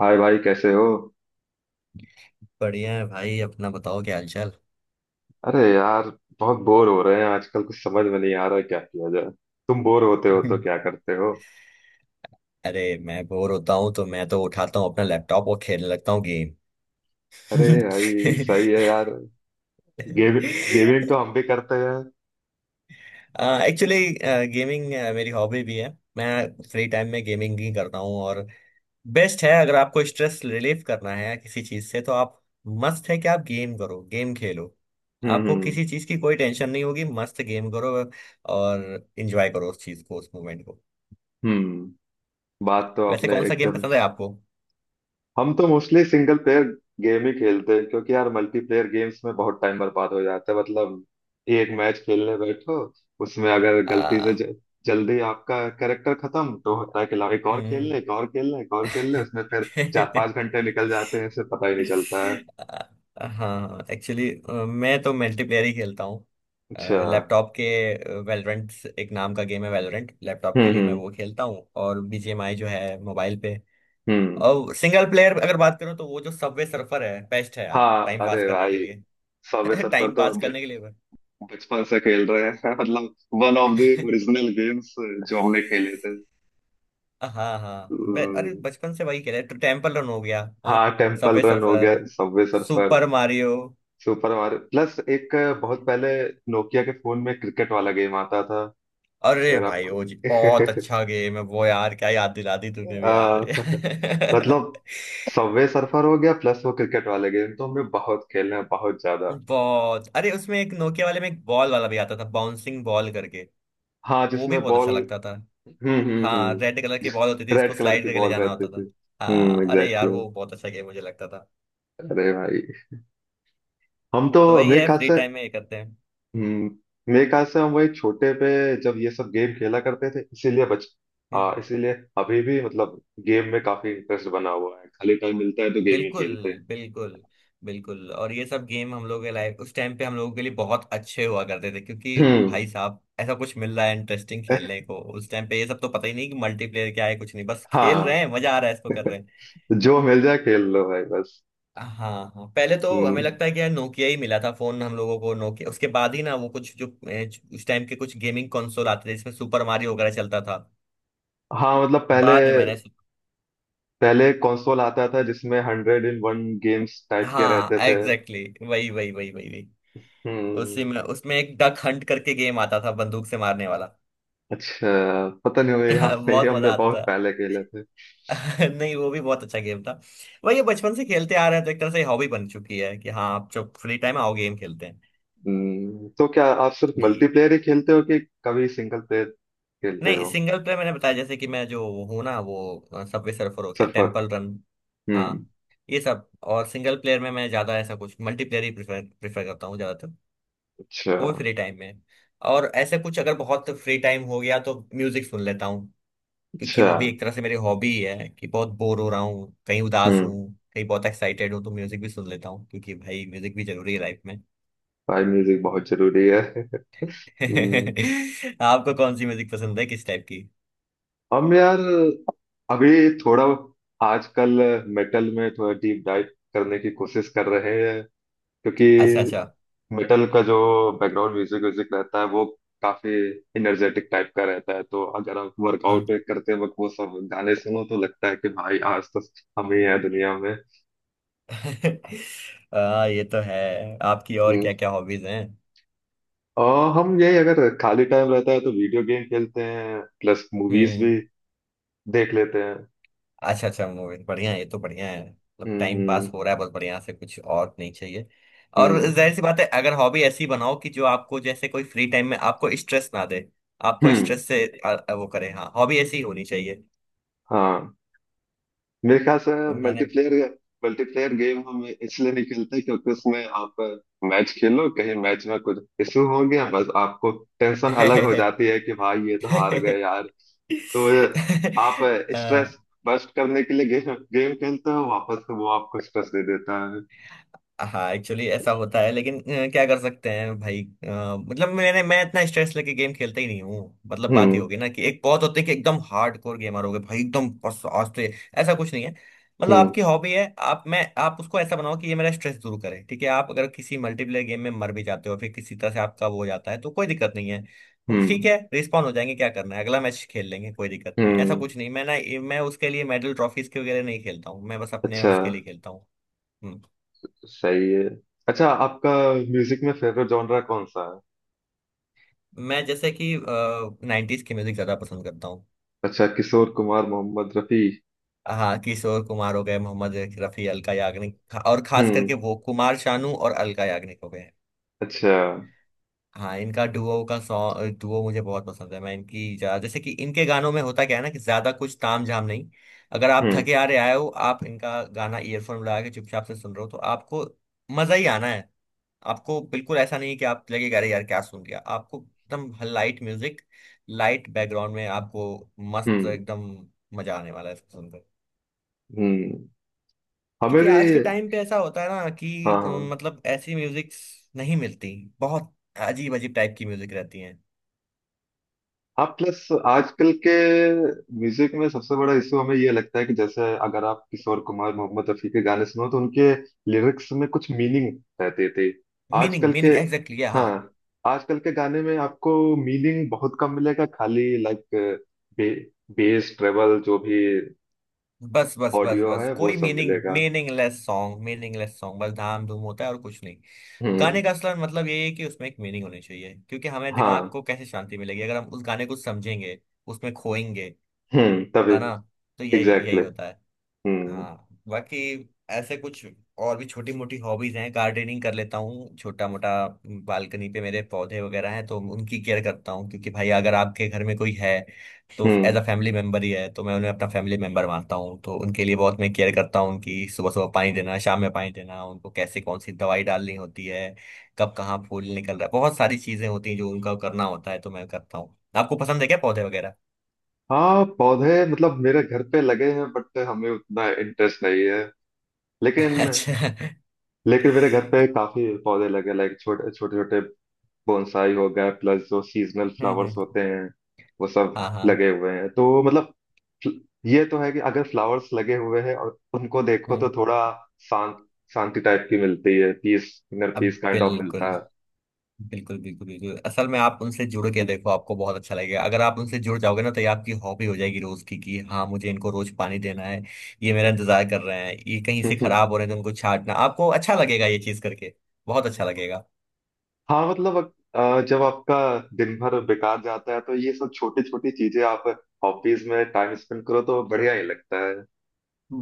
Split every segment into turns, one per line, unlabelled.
हाय भाई, कैसे हो?
बढ़िया है भाई। अपना बताओ क्या हालचाल।
अरे यार, बहुत बोर हो रहे हैं आजकल। कुछ समझ में नहीं आ रहा है, क्या किया जाए? तुम बोर होते हो तो
हम्म।
क्या करते हो?
अरे मैं बोर होता हूँ तो मैं तो उठाता हूँ अपना लैपटॉप और खेलने लगता हूँ गेम।
अरे भाई, सही है यार। गेम गेमिंग तो हम भी करते हैं।
एक्चुअली गेमिंग मेरी हॉबी भी है। मैं फ्री टाइम में गेमिंग ही करता हूँ और बेस्ट है अगर आपको स्ट्रेस रिलीफ करना है किसी चीज से तो आप मस्त है कि आप गेम करो गेम खेलो।
हम्म,
आपको
हम्म,
किसी चीज की कोई टेंशन नहीं होगी, मस्त गेम करो और एंजॉय करो उस चीज को, उस मोमेंट को।
हम्म। बात तो
वैसे
आपने
कौन सा गेम
एकदम।
पसंद है आपको?
हम तो मोस्टली सिंगल प्लेयर गेम ही खेलते हैं क्योंकि यार मल्टीप्लेयर गेम्स में बहुत टाइम बर्बाद हो जाता है, मतलब एक मैच खेलने बैठो, उसमें अगर गलती से
आ,
जल्दी आपका कैरेक्टर खत्म तो होता है कि लाओ, एक और खेल
हम्म।
ले, एक और खेल ले, एक और खेल ले, उसमें फिर 4 5 घंटे निकल जाते हैं, इससे पता ही नहीं चलता है।
हाँ एक्चुअली मैं तो मल्टीप्लेयर ही खेलता हूँ।
अच्छा।
लैपटॉप के वेलोरेंट एक नाम का गेम है, वेलोरेंट लैपटॉप
हम्म,
के लिए मैं
हम्म,
वो खेलता हूँ और बीजीएमआई जो है मोबाइल पे।
हम्म।
और सिंगल प्लेयर अगर बात करूँ तो वो जो सबवे सर्फर है बेस्ट है यार
हाँ,
टाइम पास
अरे
करने के
भाई,
लिए।
सबवे सर्फर
टाइम
तो
पास करने के लिए बस।
बचपन से खेल रहे हैं मतलब one of the original games जो हमने खेले थे।
हाँ हाँ, अरे
हम्म।
बचपन से वही खेले तो टेम्पल रन हो गया। हाँ
हाँ, टेम्पल
सबवे
रन हो गया,
surfer,
subway surfer,
super Mario.
Super Mario. Plus, एक बहुत पहले नोकिया के फोन में क्रिकेट वाला गेम आता था।
अरे
अगर
भाई
आपको
वो जी बहुत अच्छा गेम है वो यार, क्या याद दिला दी तूने भी
आ,
यार।
मतलब सबवे सर्फर हो गया, प्लस वो क्रिकेट वाले गेम तो हमने बहुत खेले हैं, बहुत ज्यादा।
बहुत। अरे उसमें एक नोकिया वाले में एक बॉल वाला भी आता था, बाउंसिंग बॉल करके।
हाँ,
वो भी
जिसमें
बहुत
बॉल।
अच्छा लगता था।
हम्म, हम्म,
हाँ
हम्म।
रेड कलर की
जिस
बॉल होती थी, इसको
रेड कलर
स्लाइड
की
करके ले
बॉल
जाना
रहती
होता
थी।
था।
हम्म,
हाँ अरे यार
एग्जैक्टली।
वो बहुत अच्छा गेम मुझे लगता था।
अरे भाई, हम तो
तो वही
मेरे
है,
ख्याल
फ्री
से।
टाइम में ये करते हैं।
हम्म। मेरे ख्याल से हम वही छोटे पे जब ये सब गेम खेला करते थे इसीलिए बच
हम्म।
इसीलिए अभी भी मतलब गेम में काफी इंटरेस्ट बना हुआ है, खाली टाइम मिलता है तो गेम ही
बिल्कुल
खेलते हैं।
बिल्कुल बिल्कुल, और ये सब गेम हम लोग के लाइफ उस टाइम पे हम लोगों के लिए बहुत अच्छे हुआ करते थे क्योंकि
हम्म।
भाई साहब ऐसा कुछ मिल रहा है इंटरेस्टिंग खेलने को उस टाइम पे, ये सब तो पता ही नहीं कि मल्टीप्लेयर क्या है, कुछ नहीं, बस खेल रहे
हाँ,
हैं मजा आ रहा है इसको कर रहे हैं।
जो मिल जाए खेल लो भाई, बस।
हाँ हाँ, पहले तो हमें
हम्म।
लगता है कि यार नोकिया ही मिला था फोन हम लोगों को, नोकिया, उसके बाद ही ना वो कुछ जो उस टाइम के कुछ गेमिंग कंसोल आते थे जिसमें सुपर मारियो वगैरह चलता था।
हाँ, मतलब पहले
बाद में मैंने।
पहले कंसोल आता था जिसमें 100 इन 1 गेम्स टाइप के
हाँ
रहते थे।
एग्जैक्टली exactly, वही वही वही वही वही। उसी
हम्म।
में उसमें एक डक हंट करके गेम आता था बंदूक से मारने वाला।
अच्छा, पता नहीं, मुझे याद नहीं,
बहुत
हमने
मजा आता था।
बहुत पहले खेले थे।
नहीं वो भी बहुत अच्छा गेम था। वही ये बचपन से खेलते आ रहे हैं तो एक तरह से हॉबी बन चुकी है कि हाँ, आप जब फ्री टाइम आओ गेम खेलते हैं।
तो क्या आप सिर्फ
यही।
मल्टीप्लेयर ही खेलते हो कि कभी सिंगल प्लेयर खेलते
नहीं
हो?
सिंगल प्लेयर मैंने बताया जैसे कि मैं जो हूँ ना, वो सबवे सर्फर हो गया,
सर्फर।
Temple run.
हम्म।
हाँ ये सब। और सिंगल प्लेयर में मैं ज्यादा ऐसा कुछ, मल्टीप्लेयर ही प्रेफर प्रेफर करता हूँ ज्यादातर।
अच्छा,
वो भी फ्री टाइम में। और ऐसे कुछ अगर बहुत फ्री टाइम हो गया तो म्यूजिक सुन लेता हूँ क्योंकि
अच्छा।
वो भी एक तरह से मेरी हॉबी ही है कि बहुत बोर हो रहा हूँ कहीं, उदास
हम्म,
हूँ कहीं, बहुत एक्साइटेड हूँ तो म्यूजिक भी सुन लेता हूँ क्योंकि भाई म्यूजिक भी जरूरी है लाइफ में।
भाई म्यूजिक बहुत जरूरी है। हम्म,
आपको कौन सी म्यूजिक पसंद है, किस टाइप की?
हम यार अभी थोड़ा आजकल मेटल में थोड़ा डीप डाइव करने की कोशिश कर रहे हैं, क्योंकि
अच्छा अच्छा।
मेटल का जो बैकग्राउंड म्यूजिक व्यूजिक रहता है वो काफी एनर्जेटिक टाइप का रहता है, तो अगर आप
हाँ।
वर्कआउट करते वक्त वो सब गाने सुनो तो लगता है कि भाई आज तो हम ही हैं दुनिया में।
ये तो है आपकी। और क्या
हम्म।
क्या हॉबीज हैं?
और हम यही, अगर खाली टाइम रहता है तो वीडियो गेम खेलते हैं, प्लस मूवीज
हम्म।
भी देख लेते हैं।
अच्छा अच्छा, मूवी बढ़िया है, ये तो बढ़िया है, मतलब
हम्म,
टाइम पास
हम्म,
हो रहा है बस बढ़िया से, कुछ और नहीं चाहिए। और
हम्म,
जाहिर सी बात है अगर हॉबी ऐसी बनाओ कि जो आपको, जैसे कोई फ्री टाइम में आपको स्ट्रेस ना दे, आपको
हम्म।
स्ट्रेस से आ, आ, वो करे, हाँ, हॉबी ऐसी होनी चाहिए।
हाँ, मेरे ख्याल से मल्टीप्लेयर मल्टीप्लेयर गेम हम इसलिए नहीं खेलते क्योंकि उसमें आप मैच खेलो, कहीं मैच में कुछ इशू हो गया, बस आपको टेंशन अलग हो
मैंने।
जाती है कि भाई ये तो हार गए यार। तो आप स्ट्रेस बस्ट करने के लिए गेम गेम खेलते हो, वापस से वो आपको स्ट्रेस दे देता है।
हाँ एक्चुअली ऐसा होता है लेकिन क्या कर सकते हैं भाई, मतलब मैं इतना स्ट्रेस लेके गेम खेलता ही नहीं हूँ, मतलब बात ही
हम्म,
होगी ना कि एक बहुत होते हैं कि एकदम हार्ड कोर गेमर हो गए भाई एकदम बस आज तो ऐसा कुछ नहीं है। मतलब
हम्म,
आपकी हॉबी है, आप मैं आप उसको ऐसा बनाओ कि ये मेरा स्ट्रेस दूर करे, ठीक है? आप अगर किसी मल्टीप्लेयर गेम में मर भी जाते हो फिर किसी तरह से आपका वो हो जाता है तो कोई दिक्कत नहीं है, तो ठीक
हम्म,
है, रिस्पॉन्ड हो जाएंगे, क्या करना है, अगला मैच खेल लेंगे, कोई दिक्कत नहीं है। ऐसा
हम्म।
कुछ नहीं, मैं ना, मैं उसके लिए मेडल ट्रॉफीज के वगैरह नहीं खेलता हूँ, मैं बस अपने
अच्छा,
उसके लिए खेलता हूँ। हम्म।
सही है। अच्छा, आपका म्यूजिक में फेवरेट जॉनरा कौन सा है?
मैं जैसे कि नाइन्टीज की म्यूजिक ज्यादा पसंद करता हूँ।
अच्छा, किशोर कुमार, मोहम्मद रफी।
हाँ किशोर कुमार हो गए, मोहम्मद रफी, अलका याग्निक, और खास
हम्म।
करके वो कुमार शानू और अलका याग्निक हो गए।
अच्छा।
हाँ इनका डुओ का सॉन्ग, डुओ मुझे बहुत पसंद है। मैं इनकी ज्यादा, जैसे कि इनके गानों में होता क्या है ना कि ज्यादा कुछ ताम झाम नहीं। अगर आप
हम्म,
थके आ रहे आए हो, आप इनका गाना ईयरफोन लगा के चुपचाप से सुन रहे हो तो आपको मजा ही आना। आपको बिल्कुल ऐसा नहीं कि आप लगेगा अरे यार क्या सुन लिया, आपको एकदम लाइट म्यूजिक, लाइट बैकग्राउंड में आपको मस्त
हम्म,
एकदम मजा आने वाला है इसको सुनकर।
हम्म। हमें
क्योंकि
भी।
आज के टाइम पे ऐसा होता है ना कि
हाँ, हाँ,
मतलब ऐसी म्यूजिक नहीं मिलती, बहुत अजीब अजीब टाइप की म्यूजिक रहती है।
हाँ। प्लस आजकल के म्यूजिक में सबसे बड़ा इशू हमें ये लगता है कि जैसे अगर आप किशोर कुमार, मोहम्मद रफी के गाने सुनो तो उनके लिरिक्स में कुछ मीनिंग रहते थे।
मीनिंग
आजकल के।
मीनिंग एग्जैक्टली, हाँ।
हाँ, आजकल के गाने में आपको मीनिंग बहुत कम मिलेगा, खाली लाइक बे, बेस, ट्रेबल, जो भी
बस बस बस
ऑडियो
बस,
है वो
कोई
सब
मीनिंग,
मिलेगा।
मीनिंगलेस सॉन्ग, मीनिंगलेस सॉन्ग बस, धाम धूम होता है और कुछ नहीं।
हम्म।
गाने का असला मतलब ये है कि उसमें एक मीनिंग होनी चाहिए क्योंकि हमें दिमाग
हाँ।
को कैसे शांति मिलेगी अगर हम उस गाने को समझेंगे, उसमें खोएंगे,
हम्म, तभी।
है ना? तो यही यही
एग्जैक्टली।
होता है।
हम्म,
हाँ बाकी ऐसे कुछ और भी छोटी मोटी हॉबीज हैं, गार्डनिंग कर लेता हूँ छोटा मोटा। बालकनी पे मेरे पौधे वगैरह हैं तो उनकी केयर करता हूँ क्योंकि भाई अगर आपके घर में कोई है तो as
hmm.
Uh family member ही है, तो मैं उन्हें अपना फैमिली मेंबर मानता हूँ, तो उनके लिए बहुत मैं केयर करता हूँ, उनकी सुबह सुबह पानी देना, शाम में पानी देना, उनको कैसे कौन सी दवाई डालनी होती है, कब कहाँ फूल निकल रहा है, बहुत सारी चीजें होती हैं जो उनका करना होता है, तो मैं करता हूँ। आपको पसंद है क्या पौधे वगैरह?
हाँ, पौधे मतलब मेरे घर पे लगे हैं बट हमें उतना इंटरेस्ट नहीं है। लेकिन,
अच्छा।
मेरे घर पे काफी पौधे लगे, लाइक छोटे छोटे छोटे बोनसाई हो गए, प्लस जो सीजनल फ्लावर्स
हम्म।
होते हैं वो सब
हाँ हाँ।
लगे हुए हैं, तो मतलब फ्ल- ये तो है कि अगर फ्लावर्स लगे हुए हैं और उनको देखो तो
हम्म।
थोड़ा शांत शांति टाइप की मिलती है, पीस, इनर
अब
पीस काइंड ऑफ
बिल्कुल
मिलता
बिल्कुल बिल्कुल बिल्कुल, असल में आप उनसे जुड़ के देखो, आपको बहुत अच्छा लगेगा, अगर आप उनसे जुड़ जाओगे ना तो ये आपकी हॉबी हो जाएगी रोज की कि हाँ मुझे इनको रोज पानी देना है, ये मेरा इंतजार कर रहे हैं, ये कहीं
है।
से खराब हो रहे हैं तो उनको छांटना आपको अच्छा लगेगा ये चीज करके, बहुत अच्छा लगेगा।
हाँ, मतलब जब आपका दिन भर बेकार जाता है तो ये सब छोटी छोटी चीजें, आप हॉबीज में टाइम स्पेंड करो तो बढ़िया ही लगता है।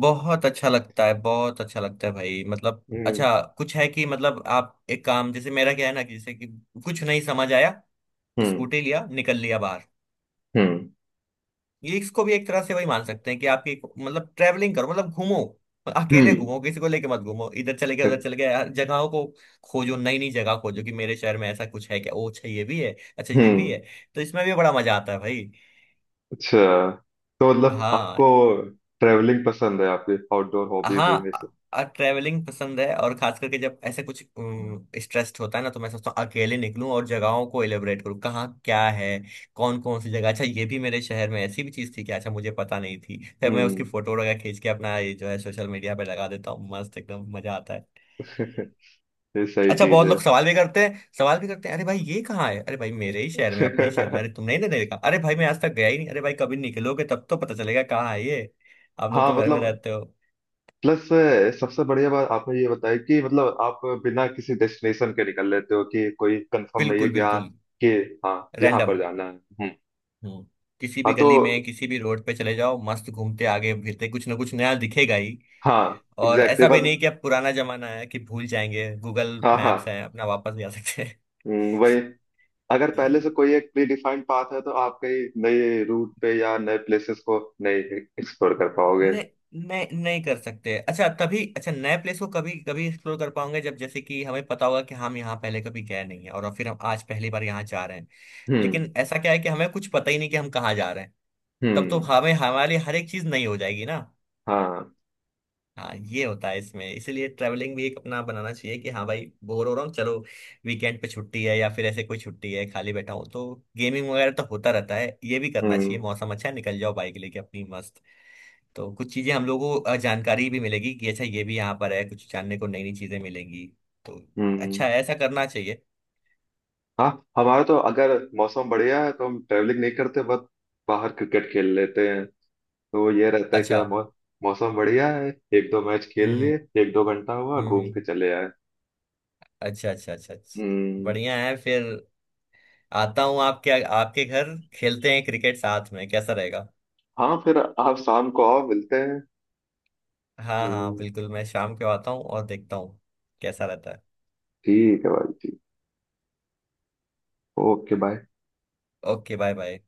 बहुत अच्छा लगता है, बहुत अच्छा लगता है भाई, मतलब
हम्म,
अच्छा कुछ है कि मतलब आप एक काम, जैसे मेरा क्या है ना कि जैसे कि कुछ नहीं समझ आया,
हम्म,
स्कूटी लिया, निकल लिया बाहर।
हम्म,
ये इसको भी एक तरह से वही मान सकते हैं कि आपकी मतलब ट्रेवलिंग करो, मतलब घूमो, अकेले
हम्म,
घूमो, किसी को लेके मत घूमो, इधर चले गए उधर चले गए, हर जगहों को खोजो, नई नई जगह खोजो कि मेरे शहर में ऐसा कुछ है क्या, ओ अच्छा ये भी है, अच्छा ये भी
हम्म।
है। तो इसमें भी बड़ा मजा आता है भाई।
अच्छा, तो मतलब
हाँ
आपको ट्रेवलिंग पसंद है? आपकी आउटडोर हॉबीज
हाँ,
इनमें से?
ट्रैवलिंग पसंद है, और खास करके जब ऐसे कुछ स्ट्रेस्ड होता है ना तो मैं सोचता हूँ अकेले निकलूं और जगहों को एलिबरेट करूँ, कहाँ क्या है, कौन कौन सी जगह, अच्छा ये भी मेरे शहर में ऐसी भी चीज़ थी कि अच्छा मुझे पता नहीं थी, फिर मैं उसकी
हम्म।
फोटो वगैरह खींच के अपना ये जो है सोशल मीडिया पे लगा देता हूँ, मस्त एकदम मजा आता है।
ये सही
अच्छा
चीज
बहुत
है।
लोग सवाल भी करते हैं सवाल भी करते हैं, अरे भाई ये कहाँ है? अरे भाई मेरे ही शहर में, अपने ही शहर में, अरे तुमने ही नहीं देखा, अरे भाई मैं आज तक गया ही नहीं, अरे भाई कभी निकलोगे तब तो पता चलेगा कहाँ है ये, आप लोग
हाँ,
तो घर में
मतलब,
रहते हो।
प्लस सबसे बढ़िया बात आपने ये बताया कि मतलब आप बिना किसी डेस्टिनेशन के निकल लेते हो, कि कोई कंफर्म नहीं है
बिल्कुल बिल्कुल,
कि हाँ यहाँ पर
रैंडम।
जाना है। हम्म।
हम्म। किसी
हाँ,
भी
तो
गली में किसी भी रोड पे चले जाओ, मस्त घूमते आगे फिरते कुछ ना कुछ नया दिखेगा ही।
हाँ,
और
एग्जैक्टली,
ऐसा भी
बस।
नहीं कि अब पुराना जमाना है कि भूल जाएंगे, गूगल
हाँ, हाँ।
मैप्स है अपना, वापस जा सकते हैं।
वही। अगर पहले से कोई एक प्री डिफाइंड पाथ है तो आप कहीं नए रूट पे या नए प्लेसेस को नहीं एक्सप्लोर कर पाओगे।
नहीं नहीं नहीं कर सकते, अच्छा, तभी अच्छा नए प्लेस को कभी कभी एक्सप्लोर कर पाओगे जब जैसे कि हमें पता होगा कि हम यहाँ पहले कभी गए नहीं है और फिर हम आज पहली बार यहाँ जा रहे हैं।
हम्म,
लेकिन ऐसा क्या है कि हमें कुछ पता ही नहीं कि हम कहाँ जा रहे हैं, तब तो
हम्म।
हमें हमारे लिए हर एक चीज नई हो जाएगी ना।
हाँ।
हाँ ये होता है इसमें, इसीलिए ट्रैवलिंग भी एक अपना बनाना चाहिए कि हाँ भाई बोर हो रहा हूँ, चलो वीकेंड पे छुट्टी है या फिर ऐसे कोई छुट्टी है खाली बैठा हूँ तो गेमिंग वगैरह तो होता रहता है, ये भी करना चाहिए,
हम्म,
मौसम अच्छा है निकल जाओ बाइक लेके अपनी मस्त, तो कुछ चीजें हम लोगों को जानकारी भी मिलेगी कि अच्छा ये भी यहाँ पर है, कुछ जानने को नई नई चीजें मिलेंगी, तो अच्छा
हम्म।
है, ऐसा करना चाहिए।
हाँ, हमारा तो अगर मौसम बढ़िया है तो हम ट्रेवलिंग नहीं करते, बस बाहर क्रिकेट खेल लेते हैं। तो ये रहता है कि
अच्छा।
हाँ, मौसम बढ़िया है, एक दो मैच खेल
हम्म हम्म
लिए, 1 2 घंटा हुआ,
हम्म
घूम
हम्म।
के चले आए।
अच्छा अच्छा अच्छा अच्छा,
हम्म।
बढ़िया है फिर। आता हूँ आपके आपके घर, खेलते हैं क्रिकेट साथ में, कैसा रहेगा?
हाँ, फिर आप शाम को आओ, मिलते हैं।
हाँ हाँ
हम्म।
बिल्कुल, मैं शाम को आता हूँ और देखता हूँ कैसा रहता है।
ठीक है भाई, ठीक। Okay bye.
Okay bye bye.